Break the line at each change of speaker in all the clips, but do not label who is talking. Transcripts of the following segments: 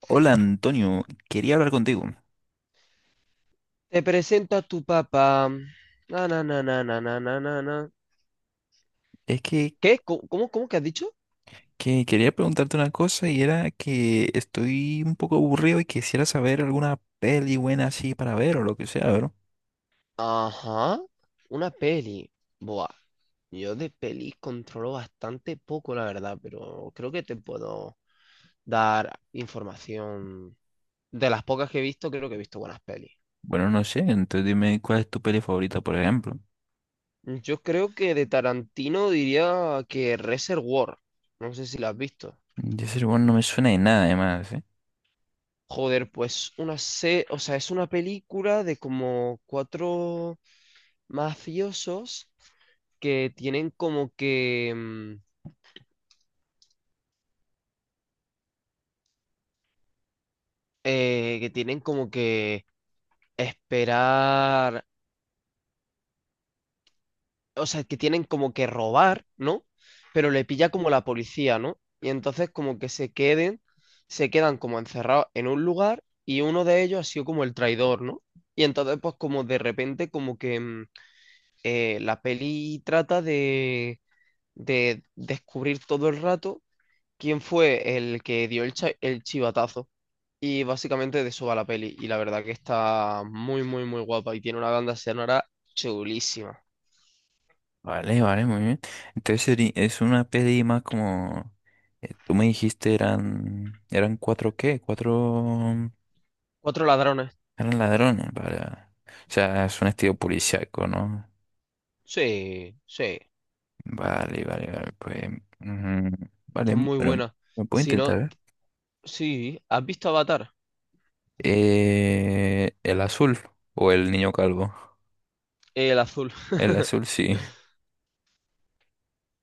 Hola Antonio, quería hablar contigo.
Te presento a tu papá. Na, na, na, na, na, na, na, na, na.
Es que,
¿Qué? ¿Cómo que has dicho?
que quería preguntarte una cosa y era que estoy un poco aburrido y quisiera saber alguna peli buena así para ver o lo que sea, ¿verdad?
Ajá, una peli. Buah, yo de pelis controlo bastante poco, la verdad, pero creo que te puedo dar información. De las pocas que he visto, creo que he visto buenas pelis.
Bueno, no sé, entonces dime cuál es tu peli favorita, por ejemplo.
Yo creo que de Tarantino diría que Reservoir. No sé si la has visto.
De ese bueno, no me suena de nada además, ¿eh?
Joder, pues o sea, es una película de como cuatro mafiosos que tienen como que, mm, que tienen como que esperar, o sea, que tienen como que robar, ¿no? Pero le pilla como la policía, ¿no? Y entonces como que se queden, se quedan como encerrados en un lugar y uno de ellos ha sido como el traidor, ¿no? Y entonces pues como de repente la peli trata de descubrir todo el rato quién fue el que dio el chivatazo. Y básicamente de eso va la peli. Y la verdad que está muy, muy, muy guapa. Y tiene una banda sonora chulísima.
Vale, vale, muy bien. Entonces es una peli más como… Tú me dijiste eran… ¿Eran cuatro qué? Cuatro…
Cuatro ladrones.
Eran ladrones, para… O sea, es un estilo policíaco, ¿no?
Sí, sí.
Vale, vale, vale, pues, mm, vale,
Está muy
bueno,
buena.
lo puedo
Si no,
intentar.
sí. ¿Has visto Avatar?
El azul o el niño calvo.
El azul.
El azul, sí.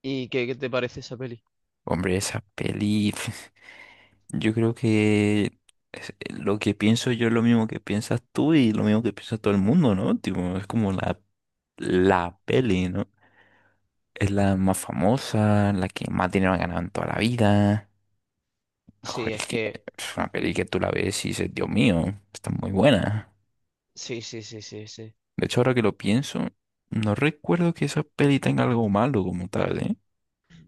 ¿Y qué te parece esa peli?
Hombre, esa peli, yo creo que lo que pienso yo es lo mismo que piensas tú y lo mismo que piensa todo el mundo, ¿no? Tipo, es como la peli, ¿no? Es la más famosa, la que más dinero ha ganado en toda la vida.
Sí,
Joder,
es
es que
que.
es una peli que tú la ves y dices, Dios mío, está muy buena.
Sí, sí, sí, sí, sí.
De hecho, ahora que lo pienso, no recuerdo que esa peli tenga algo malo como tal, ¿eh?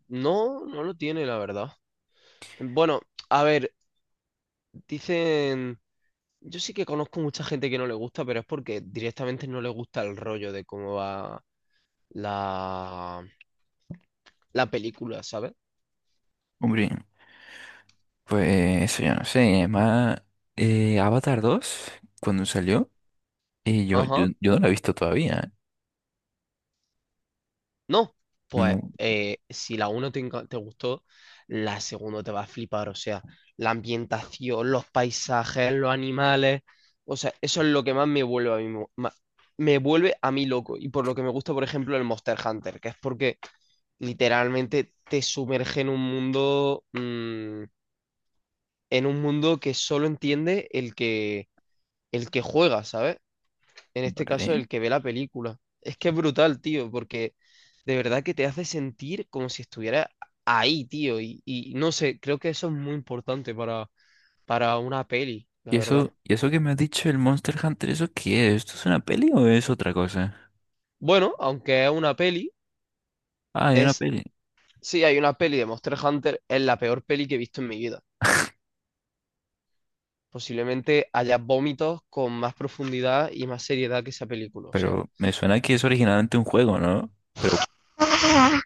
No, no lo tiene, la verdad. Bueno, a ver, dicen. Yo sí que conozco mucha gente que no le gusta, pero es porque directamente no le gusta el rollo de cómo va la, la película, ¿sabes?
Hombre, pues yo no sé, además Avatar 2 cuando salió y yo, yo,
Ajá.
yo no la he visto todavía, ¿eh?
No, pues
No,
si la 1 te gustó, la segunda te va a flipar. O sea, la ambientación, los paisajes, los animales. O sea, eso es lo que más me vuelve a mí, me vuelve a mí loco. Y por lo que me gusta, por ejemplo, el Monster Hunter, que es porque literalmente te sumerge en un mundo, en un mundo que solo entiende el que juega, ¿sabes? En este caso,
vale.
el que ve la película. Es que es brutal, tío, porque de verdad que te hace sentir como si estuviera ahí, tío. Y no sé, creo que eso es muy importante para una peli, la
¿Y eso,
verdad.
y eso que me has dicho el Monster Hunter, eso qué es? ¿Esto es una peli o es otra cosa?
Bueno, aunque es una peli,
Ah, hay una
es...
peli.
Sí, hay una peli de Monster Hunter, es la peor peli que he visto en mi vida. Posiblemente haya vómitos con más profundidad y más seriedad que esa película. O sea,
Pero me suena que es originalmente un juego, ¿no? Pero,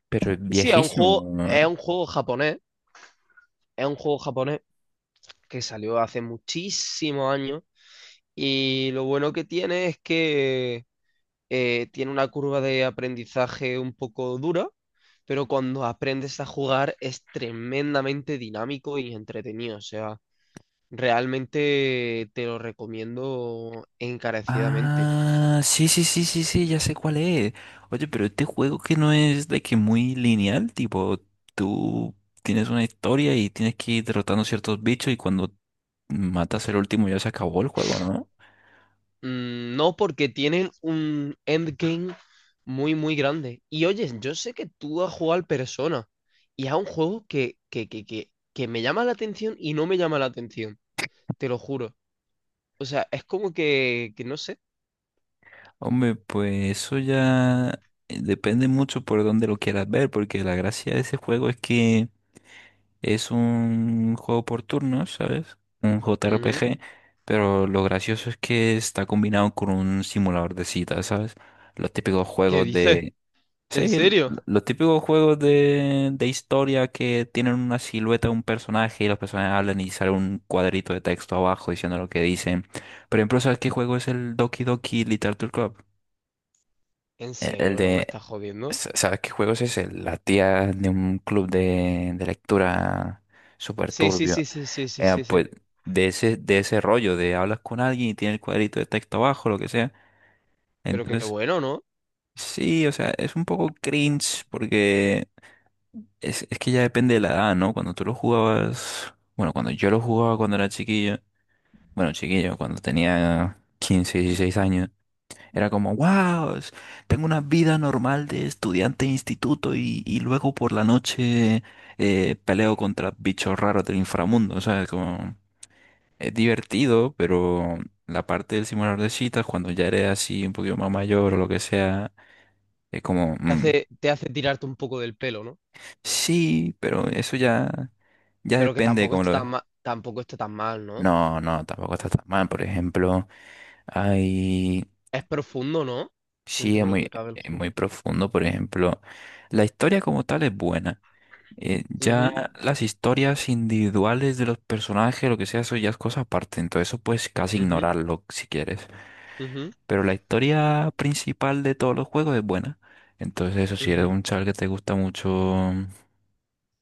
pero es
sí,
viejísimo, ¿no?
es un juego japonés Es un juego japonés que salió hace muchísimos años y lo bueno que tiene es que tiene una curva de aprendizaje un poco dura, pero cuando aprendes a jugar es tremendamente dinámico y entretenido. O sea, realmente te lo recomiendo encarecidamente.
Ah, sí, sí, sí, sí, sí, ya sé cuál es. Oye, pero este juego que no es de que muy lineal, tipo, tú tienes una historia y tienes que ir derrotando ciertos bichos y cuando matas el último ya se acabó el juego, ¿no?
Mm. No, porque tienen un endgame muy, muy grande. Y oye, yo sé que tú has jugado al Persona y es un juego que me llama la atención y no me llama la atención, te lo juro. O sea, es como que no sé.
Hombre, pues eso ya depende mucho por dónde lo quieras ver, porque la gracia de ese juego es que es un juego por turnos, ¿sabes? Un
Ujú.
JRPG, pero lo gracioso es que está combinado con un simulador de citas, ¿sabes? Los típicos
¿Qué
juegos
dices?
de… Sí,
¿En serio?
los típicos juegos de historia que tienen una silueta de un personaje y los personajes hablan y sale un cuadrito de texto abajo diciendo lo que dicen. Por ejemplo, ¿sabes qué juego es el Doki Doki Literature Club?
¿En
El
serio, bro? ¿Me
de,
estás jodiendo?
sa- ¿sabes qué juego es ese? La tía de un club de lectura súper
Sí, sí,
turbio.
sí, sí, sí, sí, sí, sí.
Pues de ese rollo, de hablas con alguien y tiene el cuadrito de texto abajo, lo que sea.
Pero qué
Entonces,
bueno, ¿no?
sí, o sea, es un poco cringe porque es que ya depende de la edad, ¿no? Cuando tú lo jugabas, bueno, cuando yo lo jugaba cuando era chiquillo, bueno, chiquillo, cuando tenía 15 16 años, era como, wow, tengo una vida normal de estudiante de instituto y luego por la noche peleo contra bichos raros del inframundo, o sea, como… Es divertido, pero la parte del simulador de citas, cuando ya eres así un poquito más mayor o lo que sea, es como,
Te hace, te hace tirarte un poco del pelo, ¿no?
sí, pero eso ya, ya
Pero que
depende de
tampoco
cómo
está
lo ves.
tan mal, tampoco está tan mal, ¿no?
No, no, tampoco está tan mal. Por ejemplo, hay,
Es profundo, ¿no?
sí,
Dentro de lo que cabe el
es
juego.
muy profundo. Por ejemplo, la historia como tal es buena.
Ujú,
Ya las historias individuales de los personajes, lo que sea, eso ya es cosa aparte. Entonces eso puedes casi
ujú,
ignorarlo si quieres.
ujú,
Pero la historia principal de todos los juegos es buena. Entonces, eso, si eres
ujú.
un chaval que te gusta mucho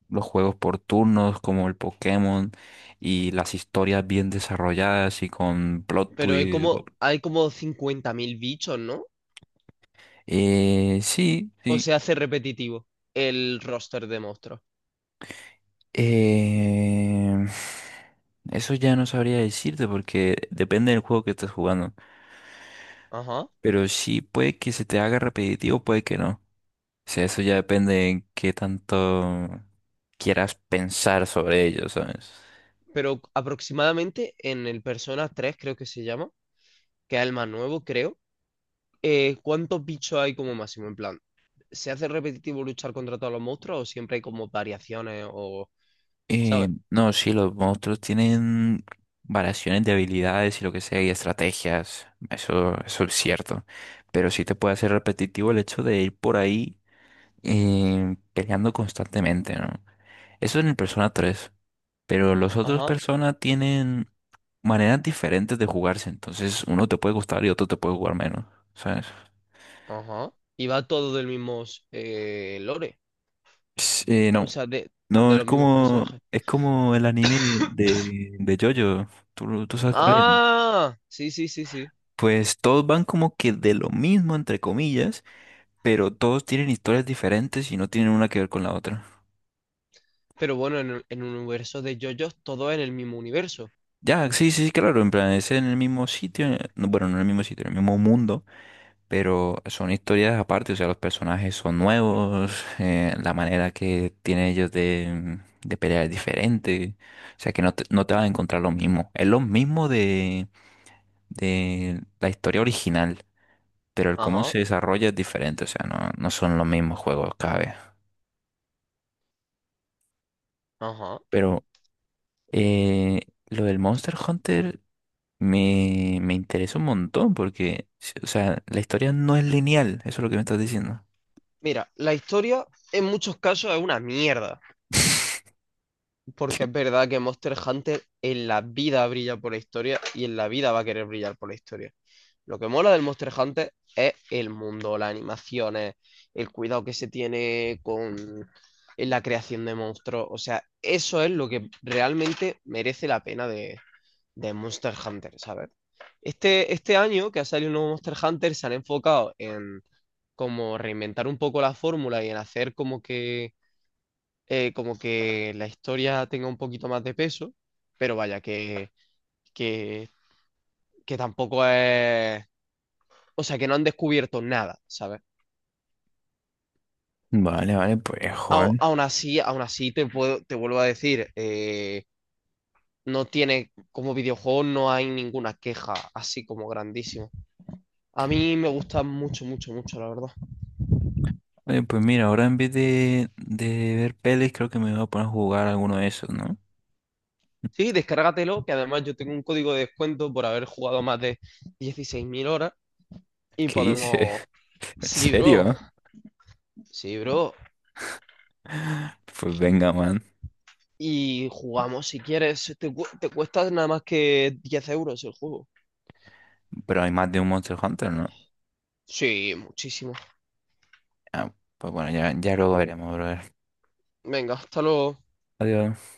los juegos por turnos, como el Pokémon, y las historias bien desarrolladas y con plot
Pero hay
twist,
como,
wow.
hay como 50.000 bichos, ¿no?
Sí,
O
sí.
se hace repetitivo el roster de monstruos.
Eh, eso ya no sabría decirte porque depende del juego que estés jugando.
Ajá.
Pero sí puede que se te haga repetitivo, puede que no. Sí, eso ya depende en qué tanto quieras pensar sobre ellos, ¿sabes?
Pero aproximadamente en el Persona 3 creo que se llama, que es el más nuevo, creo. ¿Cuántos bichos hay como máximo? En plan, ¿se hace repetitivo luchar contra todos los monstruos o siempre hay como variaciones o, ¿sabes?
No, sí, los monstruos tienen variaciones de habilidades y lo que sea, y estrategias. Eso es cierto. Pero sí te puede hacer repetitivo el hecho de ir por ahí peleando constantemente, ¿no? Eso en el Persona 3. Pero los otros
Ajá,
Persona tienen maneras diferentes de jugarse. Entonces, uno te puede gustar y otro te puede jugar menos, ¿sabes?
ajá. Y va todo del mismo lore.
Sí, no.
O sea, de,
No,
de los mismos personajes.
es como el anime de JoJo. ¿Tú sabes cuál es?
Ah, sí, sí, sí, sí.
Pues todos van como que de lo mismo, entre comillas, pero todos tienen historias diferentes y no tienen una que ver con la otra.
Pero bueno, en un universo de JoJo's, todo es en el mismo universo.
Ya, sí, sí, sí, claro, en plan, es en el mismo sitio, no, bueno, no en el mismo sitio, en el mismo mundo, pero son historias aparte, o sea, los personajes son nuevos, la manera que tienen ellos de pelear es diferente, o sea, que no te vas a encontrar lo mismo. Es lo mismo de la historia original, pero el cómo
Ajá,
se desarrolla es diferente, o sea, no, no son los mismos juegos cada vez.
ajá.
Pero eh, lo del Monster Hunter me interesa un montón porque, o sea, la historia no es lineal, eso es lo que me estás diciendo.
Mira, la historia en muchos casos es una mierda, porque es verdad que Monster Hunter en la vida brilla por la historia y en la vida va a querer brillar por la historia. Lo que mola del Monster Hunter es el mundo, las animaciones, el cuidado que se tiene con en la creación de monstruos. O sea, eso es lo que realmente merece la pena de Monster Hunter, ¿sabes? Este año que ha salido un nuevo Monster Hunter se han enfocado en como reinventar un poco la fórmula y en hacer como que la historia tenga un poquito más de peso, pero vaya, que, que tampoco es... O sea, que no han descubierto nada, ¿sabes?
Vale, vale, pues, joder.
Aún así te vuelvo a decir, no tiene, como videojuego no hay ninguna queja así como grandísima. A mí me gusta mucho, mucho, mucho, la verdad.
Oye, pues mira, ahora en vez de ver pelis, creo que me voy a poner a jugar alguno de esos, ¿no?
Sí, descárgatelo, que además yo tengo un código de descuento por haber jugado más de 16.000 horas y
¿Qué hice?
podemos...
¿En
Sí, bro,
serio?
sí, bro.
Pues venga, man.
Y jugamos si quieres. Te cuesta nada más que 10 euros el juego.
Pero hay más de un Monster Hunter, ¿no?
Sí, muchísimo.
Ah, pues bueno, ya, ya luego veremos, brother.
Venga, hasta luego.
Adiós.